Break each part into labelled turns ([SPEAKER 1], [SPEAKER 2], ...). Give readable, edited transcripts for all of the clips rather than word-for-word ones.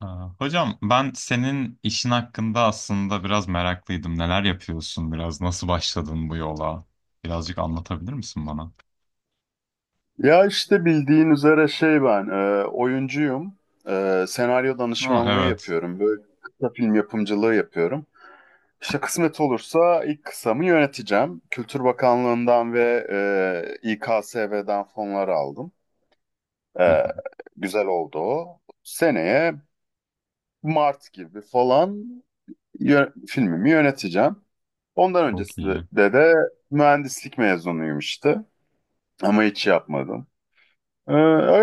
[SPEAKER 1] Hocam ben senin işin hakkında aslında biraz meraklıydım. Neler yapıyorsun biraz? Nasıl başladın bu yola? Birazcık anlatabilir misin bana?
[SPEAKER 2] Ya işte bildiğin üzere şey ben oyuncuyum. Senaryo
[SPEAKER 1] Ha,
[SPEAKER 2] danışmanlığı
[SPEAKER 1] evet.
[SPEAKER 2] yapıyorum. Böyle kısa film yapımcılığı yapıyorum. İşte kısmet olursa ilk kısamı yöneteceğim. Kültür Bakanlığı'ndan ve İKSV'den fonlar aldım.
[SPEAKER 1] Hı.
[SPEAKER 2] E, Güzel oldu o. Seneye Mart gibi falan filmimi yöneteceğim. Ondan
[SPEAKER 1] Çok
[SPEAKER 2] öncesinde
[SPEAKER 1] iyi.
[SPEAKER 2] de mühendislik mezunuyum işte. Ama hiç yapmadım.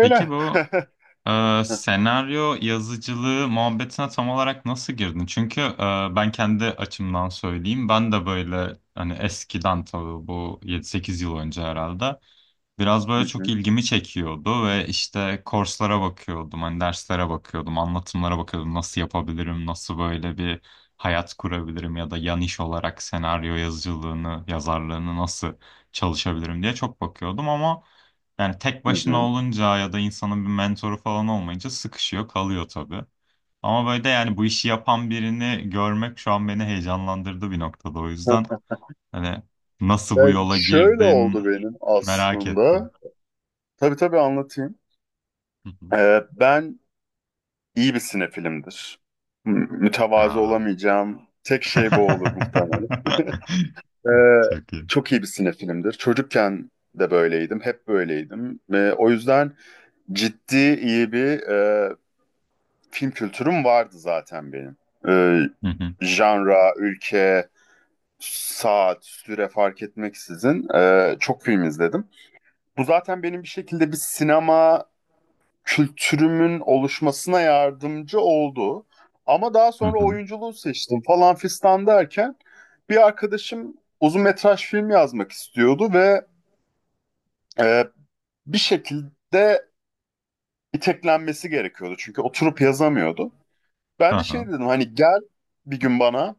[SPEAKER 1] Peki bu senaryo yazıcılığı muhabbetine tam olarak nasıl girdin? Çünkü ben kendi açımdan söyleyeyim. Ben de böyle hani eskiden tabii bu 7-8 yıl önce herhalde biraz
[SPEAKER 2] Hı
[SPEAKER 1] böyle çok
[SPEAKER 2] hı.
[SPEAKER 1] ilgimi çekiyordu ve işte kurslara bakıyordum, hani derslere bakıyordum, anlatımlara bakıyordum. Nasıl yapabilirim, nasıl böyle bir hayat kurabilirim ya da yan iş olarak senaryo yazıcılığını, yazarlığını nasıl çalışabilirim diye çok bakıyordum ama yani tek
[SPEAKER 2] Hı
[SPEAKER 1] başına
[SPEAKER 2] hı.
[SPEAKER 1] olunca ya da insanın bir mentoru falan olmayınca sıkışıyor, kalıyor tabii. Ama böyle de yani bu işi yapan birini görmek şu an beni heyecanlandırdı bir noktada o yüzden. Hani nasıl
[SPEAKER 2] Ya
[SPEAKER 1] bu yola
[SPEAKER 2] şöyle oldu
[SPEAKER 1] girdin
[SPEAKER 2] benim
[SPEAKER 1] merak
[SPEAKER 2] aslında.
[SPEAKER 1] ettim.
[SPEAKER 2] Tabii, tabii anlatayım.
[SPEAKER 1] Hı hı.
[SPEAKER 2] Ben iyi bir sinefilimdir. Mütevazı
[SPEAKER 1] Aa.
[SPEAKER 2] olamayacağım. Tek şey bu olur muhtemelen. Ee,
[SPEAKER 1] Çok iyi.
[SPEAKER 2] Çok iyi bir sinefilimdir. Çocukken de böyleydim. Hep böyleydim. O yüzden ciddi iyi bir film kültürüm vardı zaten benim. Ee,
[SPEAKER 1] Hı hı.
[SPEAKER 2] Janra, ülke, saat, süre fark etmeksizin çok film izledim. Bu zaten benim bir şekilde bir sinema kültürümün oluşmasına yardımcı oldu. Ama daha
[SPEAKER 1] Hı
[SPEAKER 2] sonra
[SPEAKER 1] hı.
[SPEAKER 2] oyunculuğu seçtim falan fistan derken bir arkadaşım uzun metraj film yazmak istiyordu ve e, bir şekilde iteklenmesi gerekiyordu. Çünkü oturup yazamıyordu. Ben de
[SPEAKER 1] Aha.
[SPEAKER 2] şey dedim, hani gel bir gün bana,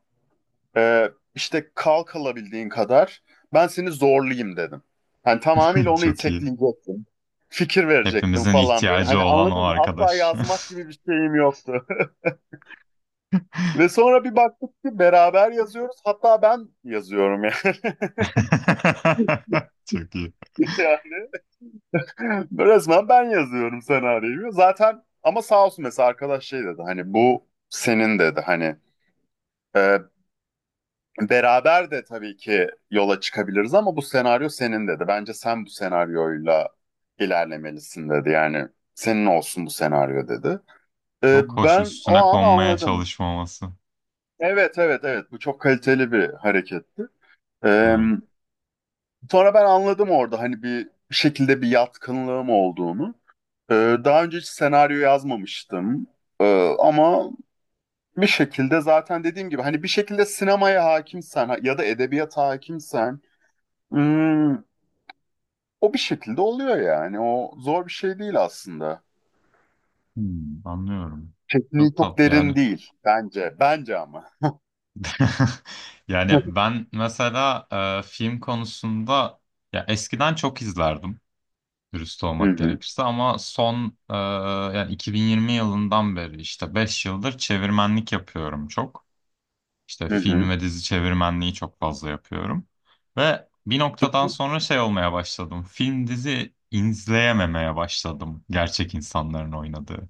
[SPEAKER 2] İşte kalk alabildiğin kadar ben seni zorlayayım dedim. Hani tamamıyla onu
[SPEAKER 1] Çok iyi.
[SPEAKER 2] itekleyecektim. Fikir verecektim
[SPEAKER 1] Hepimizin
[SPEAKER 2] falan böyle.
[SPEAKER 1] ihtiyacı
[SPEAKER 2] Hani,
[SPEAKER 1] olan o
[SPEAKER 2] anladın mı? Asla
[SPEAKER 1] arkadaş.
[SPEAKER 2] yazmak gibi bir şeyim yoktu. Ve sonra bir baktık ki beraber yazıyoruz. Hatta ben yazıyorum yani.
[SPEAKER 1] Çok iyi.
[SPEAKER 2] Yani, resmen ben yazıyorum senaryoyu. Zaten ama sağ olsun, mesela arkadaş şey dedi. Hani bu senin dedi. Hani, e, beraber de tabii ki yola çıkabiliriz ama bu senaryo senin dedi. Bence sen bu senaryoyla ilerlemelisin dedi. Yani senin olsun bu senaryo dedi.
[SPEAKER 1] Çok hoş
[SPEAKER 2] Ben o
[SPEAKER 1] üstüne
[SPEAKER 2] an
[SPEAKER 1] konmaya
[SPEAKER 2] anladım.
[SPEAKER 1] çalışmaması.
[SPEAKER 2] Evet, evet, evet, bu çok kaliteli bir hareketti. Ee,
[SPEAKER 1] Evet.
[SPEAKER 2] Sonra ben anladım orada hani bir şekilde bir yatkınlığım olduğunu. Daha önce hiç senaryo yazmamıştım. Ee, Ama bir şekilde, zaten dediğim gibi, hani bir şekilde sinemaya hakimsen ya da edebiyata hakimsen Hmm, o bir şekilde oluyor yani. O zor bir şey değil aslında.
[SPEAKER 1] Hmm, anlıyorum.
[SPEAKER 2] Tekniği
[SPEAKER 1] Çok
[SPEAKER 2] çok
[SPEAKER 1] tatlı yani.
[SPEAKER 2] derin değil bence. Bence ama. Hı
[SPEAKER 1] Yani ben mesela film konusunda ya eskiden çok izlerdim, dürüst olmak
[SPEAKER 2] hı.
[SPEAKER 1] gerekirse ama yani 2020 yılından beri işte 5 yıldır çevirmenlik yapıyorum çok. İşte
[SPEAKER 2] Hı
[SPEAKER 1] film
[SPEAKER 2] hı.
[SPEAKER 1] ve dizi çevirmenliği çok fazla yapıyorum. Ve bir noktadan sonra şey olmaya başladım. Film dizi izleyememeye başladım gerçek insanların oynadığı.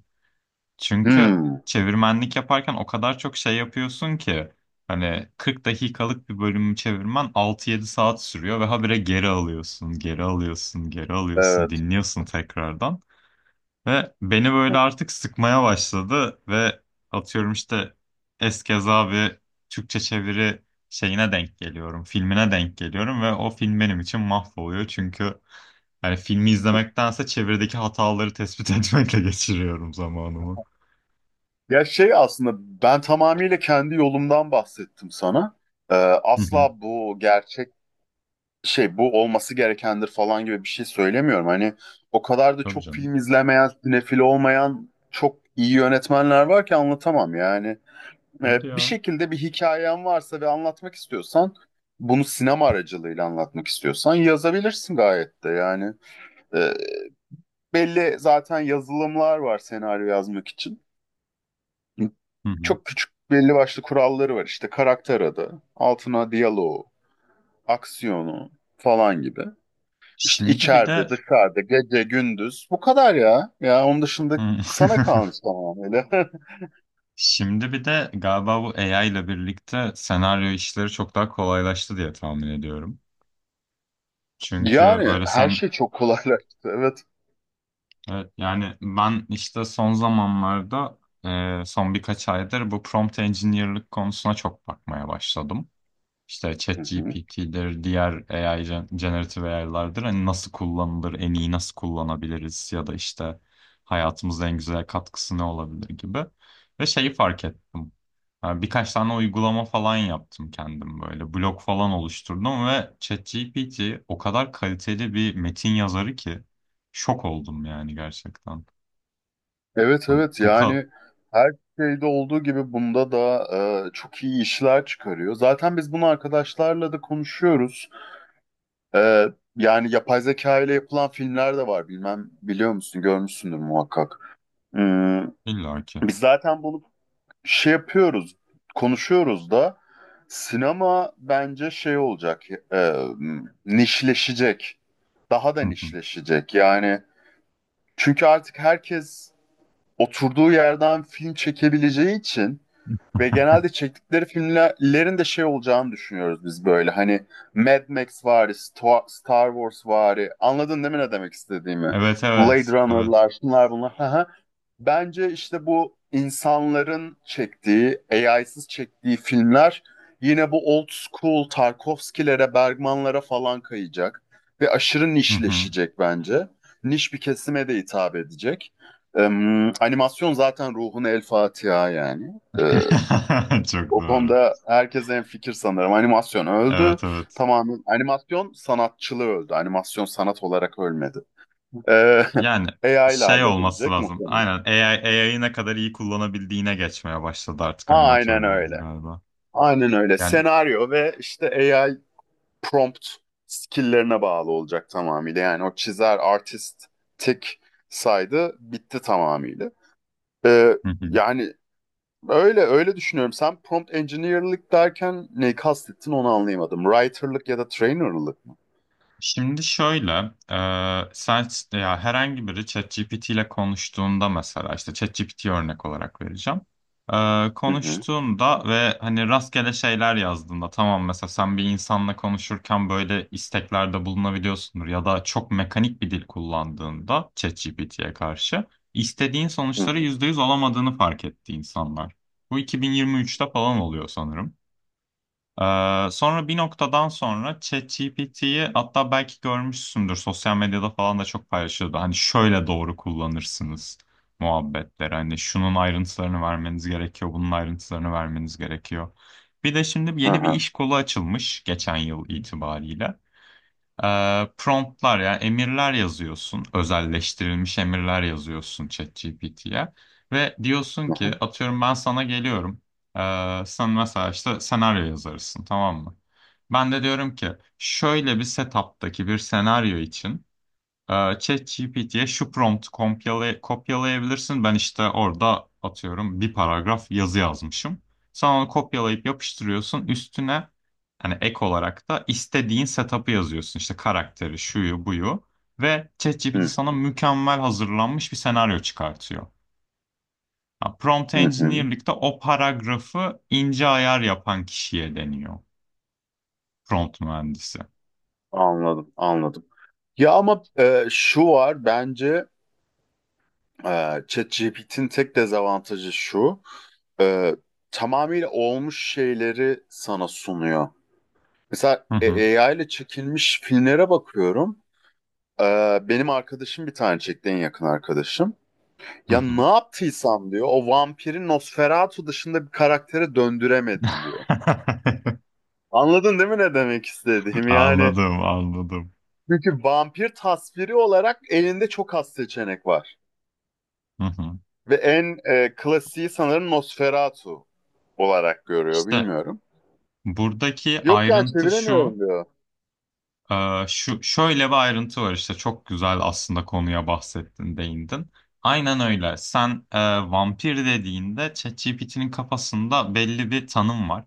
[SPEAKER 1] Çünkü
[SPEAKER 2] Hmm,
[SPEAKER 1] çevirmenlik yaparken o kadar çok şey yapıyorsun ki hani 40 dakikalık bir bölümü çevirmen 6-7 saat sürüyor ve habire geri alıyorsun,
[SPEAKER 2] evet.
[SPEAKER 1] dinliyorsun tekrardan. Ve beni böyle artık sıkmaya başladı ve atıyorum işte eskeza bir Türkçe çeviri şeyine denk geliyorum, filmine denk geliyorum ve o film benim için mahvoluyor çünkü hani filmi izlemektense çevirideki hataları tespit etmekle geçiriyorum zamanımı.
[SPEAKER 2] Ya şey aslında ben tamamıyla kendi yolumdan bahsettim sana. Asla bu gerçek şey bu olması gerekendir falan gibi bir şey söylemiyorum. Hani o kadar da
[SPEAKER 1] Tabii
[SPEAKER 2] çok
[SPEAKER 1] canım.
[SPEAKER 2] film izlemeyen, sinefil olmayan çok iyi yönetmenler var ki anlatamam yani.
[SPEAKER 1] Hadi
[SPEAKER 2] Bir
[SPEAKER 1] ya.
[SPEAKER 2] şekilde bir hikayen varsa ve anlatmak istiyorsan, bunu sinema aracılığıyla anlatmak istiyorsan yazabilirsin gayet de yani. Ee, Belli zaten yazılımlar var senaryo yazmak için.
[SPEAKER 1] Hı hı.
[SPEAKER 2] Çok küçük belli başlı kuralları var işte: karakter adı, altına diyaloğu, aksiyonu falan gibi. İşte
[SPEAKER 1] Şimdi bir
[SPEAKER 2] içeride,
[SPEAKER 1] de
[SPEAKER 2] dışarıda, gece, gündüz, bu kadar ya. Ya onun dışında
[SPEAKER 1] Hı.
[SPEAKER 2] sana kalmış tamamıyla.
[SPEAKER 1] Şimdi bir de galiba bu AI ile birlikte senaryo işleri çok daha kolaylaştı diye tahmin ediyorum. Çünkü
[SPEAKER 2] Yani
[SPEAKER 1] böyle
[SPEAKER 2] her
[SPEAKER 1] sen
[SPEAKER 2] şey çok kolaylaştı, evet.
[SPEAKER 1] evet, yani ben işte son zamanlarda son birkaç aydır bu prompt engineer'lık konusuna çok bakmaya başladım. İşte
[SPEAKER 2] Hı hı.
[SPEAKER 1] ChatGPT'dir, diğer generative AI'lardır. Hani nasıl kullanılır, en iyi nasıl kullanabiliriz ya da işte hayatımıza en güzel katkısı ne olabilir gibi. Ve şeyi fark ettim. Yani birkaç tane uygulama falan yaptım kendim böyle. Blog falan oluşturdum ve ChatGPT o kadar kaliteli bir metin yazarı ki şok oldum yani gerçekten.
[SPEAKER 2] Evet,
[SPEAKER 1] Ya
[SPEAKER 2] evet,
[SPEAKER 1] bu kadar
[SPEAKER 2] yani her şeyde olduğu gibi bunda da çok iyi işler çıkarıyor. Zaten biz bunu arkadaşlarla da konuşuyoruz. E, Yani yapay zeka ile yapılan filmler de var. Bilmem biliyor musun, görmüşsündür muhakkak. Hmm,
[SPEAKER 1] illa ki.
[SPEAKER 2] Biz zaten bunu şey yapıyoruz, konuşuyoruz da sinema bence şey olacak, e, nişleşecek. Daha da
[SPEAKER 1] Hı hı.
[SPEAKER 2] nişleşecek yani. Çünkü artık herkes oturduğu yerden film çekebileceği için. Ve genelde çektikleri filmlerin de şey olacağını düşünüyoruz biz böyle. Hani Mad Max vari, Star Wars vari. Anladın değil mi ne demek istediğimi?
[SPEAKER 1] Evet
[SPEAKER 2] Blade
[SPEAKER 1] evet evet.
[SPEAKER 2] Runner'lar, şunlar bunlar. Hı hı. Bence işte bu insanların çektiği, AI'sız çektiği filmler yine bu old school Tarkovski'lere, Bergman'lara falan kayacak. Ve aşırı
[SPEAKER 1] Hı hı.
[SPEAKER 2] nişleşecek bence. Niş bir kesime de hitap edecek. Animasyon zaten ruhuna el Fatiha yani.
[SPEAKER 1] Çok
[SPEAKER 2] O
[SPEAKER 1] doğru.
[SPEAKER 2] konuda herkes en fikir sanırım. Animasyon öldü.
[SPEAKER 1] Evet evet.
[SPEAKER 2] Tamamen animasyon sanatçılığı öldü. Animasyon sanat olarak ölmedi. Ee,
[SPEAKER 1] Yani
[SPEAKER 2] AI ile
[SPEAKER 1] şey olması
[SPEAKER 2] halledilecek
[SPEAKER 1] lazım.
[SPEAKER 2] muhtemelen.
[SPEAKER 1] Aynen AI'yi ne kadar iyi kullanabildiğine geçmeye başladı artık
[SPEAKER 2] Aynen
[SPEAKER 1] animatörlerin
[SPEAKER 2] öyle.
[SPEAKER 1] galiba.
[SPEAKER 2] Aynen öyle.
[SPEAKER 1] Yani
[SPEAKER 2] Senaryo ve işte AI prompt skill'lerine bağlı olacak tamamıyla. Yani o çizer artistik saydı, bitti tamamıyla. Yani öyle öyle düşünüyorum. Sen prompt engineer'lık derken neyi kastettin, onu anlayamadım. Writer'lık ya da trainer'lık mı?
[SPEAKER 1] şimdi şöyle, sen ya herhangi biri ChatGPT ile konuştuğunda mesela işte ChatGPT örnek olarak vereceğim.
[SPEAKER 2] Hı hı.
[SPEAKER 1] Konuştuğunda ve hani rastgele şeyler yazdığında tamam mesela sen bir insanla konuşurken böyle isteklerde bulunabiliyorsundur ya da çok mekanik bir dil kullandığında ChatGPT'ye karşı istediğin
[SPEAKER 2] Hı
[SPEAKER 1] sonuçları
[SPEAKER 2] hı.
[SPEAKER 1] %100 alamadığını fark etti insanlar. Bu 2023'te falan oluyor sanırım. Sonra bir noktadan sonra ChatGPT'yi hatta belki görmüşsündür sosyal medyada falan da çok paylaşıyordu. Hani şöyle doğru kullanırsınız muhabbetleri. Hani şunun ayrıntılarını vermeniz gerekiyor, bunun ayrıntılarını vermeniz gerekiyor. Bir de şimdi
[SPEAKER 2] Hı
[SPEAKER 1] yeni bir
[SPEAKER 2] hı.
[SPEAKER 1] iş kolu açılmış geçen yıl itibariyle. Promptlar yani emirler yazıyorsun. Özelleştirilmiş emirler yazıyorsun ChatGPT'ye. Ve diyorsun
[SPEAKER 2] Hı
[SPEAKER 1] ki
[SPEAKER 2] hı.
[SPEAKER 1] atıyorum ben sana geliyorum. Sen mesela işte senaryo yazarısın tamam mı? Ben de diyorum ki şöyle bir setup'taki bir senaryo için ee, ChatGPT'ye şu kopyalayabilirsin. Ben işte orada atıyorum bir paragraf yazı yazmışım. Sen onu kopyalayıp yapıştırıyorsun. Üstüne hani ek olarak da istediğin setup'ı yazıyorsun. İşte karakteri, şuyu, buyu. Ve
[SPEAKER 2] Hı
[SPEAKER 1] ChatGPT sana
[SPEAKER 2] hı.
[SPEAKER 1] mükemmel hazırlanmış bir senaryo çıkartıyor. Ha, prompt
[SPEAKER 2] Hı hı.
[SPEAKER 1] engineer'likte o paragrafı ince ayar yapan kişiye deniyor. Prompt mühendisi.
[SPEAKER 2] Anladım, anladım. Ya ama şu var bence, ChatGPT'nin tek dezavantajı şu. e, Tamamıyla olmuş şeyleri sana sunuyor. Mesela
[SPEAKER 1] Hı hı,
[SPEAKER 2] AI ile çekilmiş filmlere bakıyorum. E, Benim arkadaşım bir tane çekti, en yakın arkadaşım.
[SPEAKER 1] hı
[SPEAKER 2] Ya ne
[SPEAKER 1] hı.
[SPEAKER 2] yaptıysam diyor, o vampiri Nosferatu dışında bir karaktere döndüremedim diyor. Anladın değil mi ne demek istediğim? Yani.
[SPEAKER 1] Anladım, anladım.
[SPEAKER 2] Çünkü vampir tasviri olarak elinde çok az seçenek var.
[SPEAKER 1] Hı hı.
[SPEAKER 2] Ve en klasiği sanırım Nosferatu olarak görüyor,
[SPEAKER 1] İşte
[SPEAKER 2] bilmiyorum.
[SPEAKER 1] buradaki
[SPEAKER 2] Yok ya,
[SPEAKER 1] ayrıntı
[SPEAKER 2] çeviremiyorum
[SPEAKER 1] şu,
[SPEAKER 2] diyor.
[SPEAKER 1] e, şu şöyle bir ayrıntı var işte çok güzel aslında konuya bahsettin, değindin. Aynen öyle. Sen vampir dediğinde ChatGPT'nin kafasında belli bir tanım var.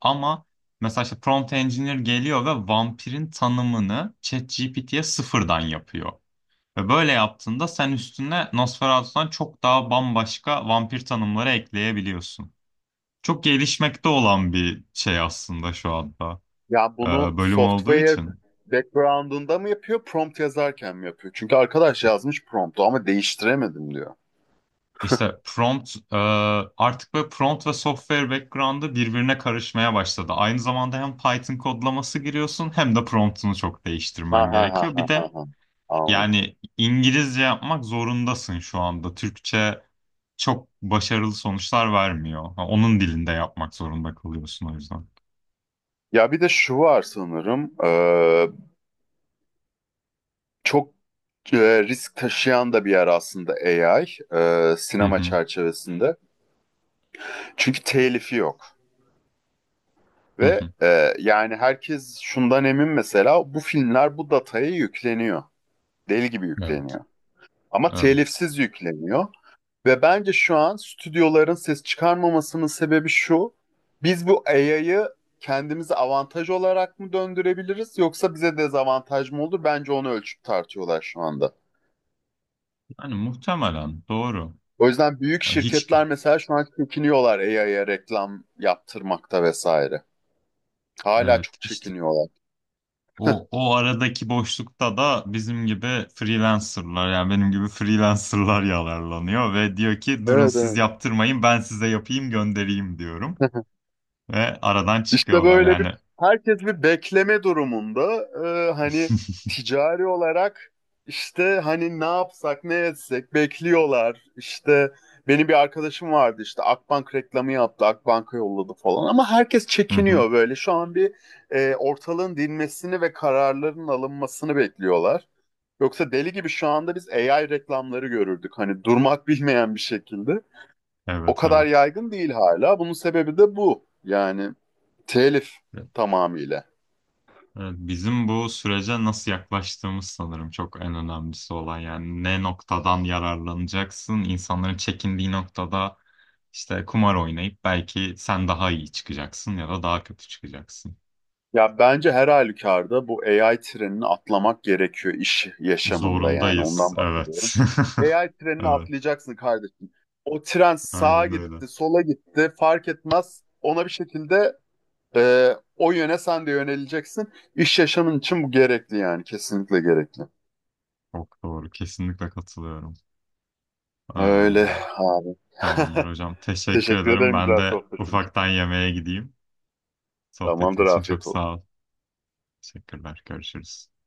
[SPEAKER 1] Ama mesela işte prompt engineer geliyor ve vampirin tanımını ChatGPT'ye sıfırdan yapıyor. Ve böyle yaptığında sen üstüne Nosferatu'dan çok daha bambaşka vampir tanımları ekleyebiliyorsun. Çok gelişmekte olan bir şey aslında şu anda
[SPEAKER 2] Ya
[SPEAKER 1] e,
[SPEAKER 2] bunu
[SPEAKER 1] bölüm olduğu
[SPEAKER 2] software
[SPEAKER 1] için.
[SPEAKER 2] background'unda mı yapıyor, prompt yazarken mi yapıyor? Çünkü arkadaş yazmış promptu ama değiştiremedim diyor.
[SPEAKER 1] İşte artık böyle prompt ve software background'ı birbirine karışmaya başladı. Aynı zamanda hem Python kodlaması giriyorsun hem de prompt'unu çok
[SPEAKER 2] Ha
[SPEAKER 1] değiştirmen
[SPEAKER 2] ha ha
[SPEAKER 1] gerekiyor.
[SPEAKER 2] ha
[SPEAKER 1] Bir
[SPEAKER 2] ha.
[SPEAKER 1] de
[SPEAKER 2] Ha. Anladım.
[SPEAKER 1] yani İngilizce yapmak zorundasın şu anda. Türkçe çok başarılı sonuçlar vermiyor. Ha, onun dilinde yapmak zorunda kalıyorsun o yüzden.
[SPEAKER 2] Ya bir de şu var sanırım. Çok risk taşıyan da bir yer aslında AI,
[SPEAKER 1] Hı
[SPEAKER 2] sinema
[SPEAKER 1] hı,
[SPEAKER 2] çerçevesinde. Çünkü telifi yok.
[SPEAKER 1] hı
[SPEAKER 2] Ve
[SPEAKER 1] hı.
[SPEAKER 2] yani herkes şundan emin, mesela bu filmler bu dataya yükleniyor. Deli gibi
[SPEAKER 1] Evet,
[SPEAKER 2] yükleniyor. Ama
[SPEAKER 1] evet.
[SPEAKER 2] telifsiz yükleniyor. Ve bence şu an stüdyoların ses çıkarmamasının sebebi şu: biz bu AI'yı kendimize avantaj olarak mı döndürebiliriz, yoksa bize dezavantaj mı olur? Bence onu ölçüp tartıyorlar şu anda.
[SPEAKER 1] Yani muhtemelen doğru.
[SPEAKER 2] O yüzden büyük
[SPEAKER 1] Hiç
[SPEAKER 2] şirketler mesela şu an çekiniyorlar AI'ya reklam yaptırmakta vesaire. Hala
[SPEAKER 1] evet
[SPEAKER 2] çok
[SPEAKER 1] işte
[SPEAKER 2] çekiniyorlar.
[SPEAKER 1] O aradaki boşlukta da bizim gibi freelancerlar yani benim gibi freelancerlar yalarlanıyor ve diyor ki durun
[SPEAKER 2] Evet,
[SPEAKER 1] siz
[SPEAKER 2] evet.
[SPEAKER 1] yaptırmayın ben size yapayım göndereyim diyorum ve aradan
[SPEAKER 2] İşte
[SPEAKER 1] çıkıyorlar
[SPEAKER 2] böyle bir,
[SPEAKER 1] yani.
[SPEAKER 2] herkes bir bekleme durumunda. Hani ticari olarak, işte hani ne yapsak ne etsek bekliyorlar. İşte benim bir arkadaşım vardı, işte Akbank reklamı yaptı, Akbank'a yolladı falan, ama herkes
[SPEAKER 1] Hı hı.
[SPEAKER 2] çekiniyor böyle. Şu an bir ortalığın dinmesini ve kararların alınmasını bekliyorlar. Yoksa deli gibi şu anda biz AI reklamları görürdük, hani durmak bilmeyen bir şekilde. O
[SPEAKER 1] Evet
[SPEAKER 2] kadar
[SPEAKER 1] evet.
[SPEAKER 2] yaygın değil hala. Bunun sebebi de bu. Yani telif, tamamıyla.
[SPEAKER 1] Evet, bizim bu sürece nasıl yaklaştığımız sanırım çok en önemlisi olan yani ne noktadan yararlanacaksın insanların çekindiği noktada işte kumar oynayıp belki sen daha iyi çıkacaksın ya da daha kötü çıkacaksın.
[SPEAKER 2] Ya bence her halükarda bu AI trenini atlamak gerekiyor iş yaşamında, yani
[SPEAKER 1] Zorundayız.
[SPEAKER 2] ondan bahsediyorum.
[SPEAKER 1] Evet.
[SPEAKER 2] AI trenini
[SPEAKER 1] Evet.
[SPEAKER 2] atlayacaksın kardeşim. O tren sağa
[SPEAKER 1] Aynen öyle.
[SPEAKER 2] gitti, sola gitti fark etmez. Ona bir şekilde, e, o yöne sen de yöneleceksin. İş yaşamın için bu gerekli, yani kesinlikle gerekli.
[SPEAKER 1] Çok doğru. Kesinlikle katılıyorum. Aa,
[SPEAKER 2] Öyle abi.
[SPEAKER 1] tamamdır hocam. Teşekkür
[SPEAKER 2] Teşekkür
[SPEAKER 1] ederim.
[SPEAKER 2] ederim
[SPEAKER 1] Ben
[SPEAKER 2] güzel
[SPEAKER 1] de
[SPEAKER 2] sohbetin.
[SPEAKER 1] ufaktan yemeğe gideyim. Sohbetin
[SPEAKER 2] Tamamdır,
[SPEAKER 1] için çok
[SPEAKER 2] afiyet olsun.
[SPEAKER 1] sağ ol. Teşekkürler. Görüşürüz.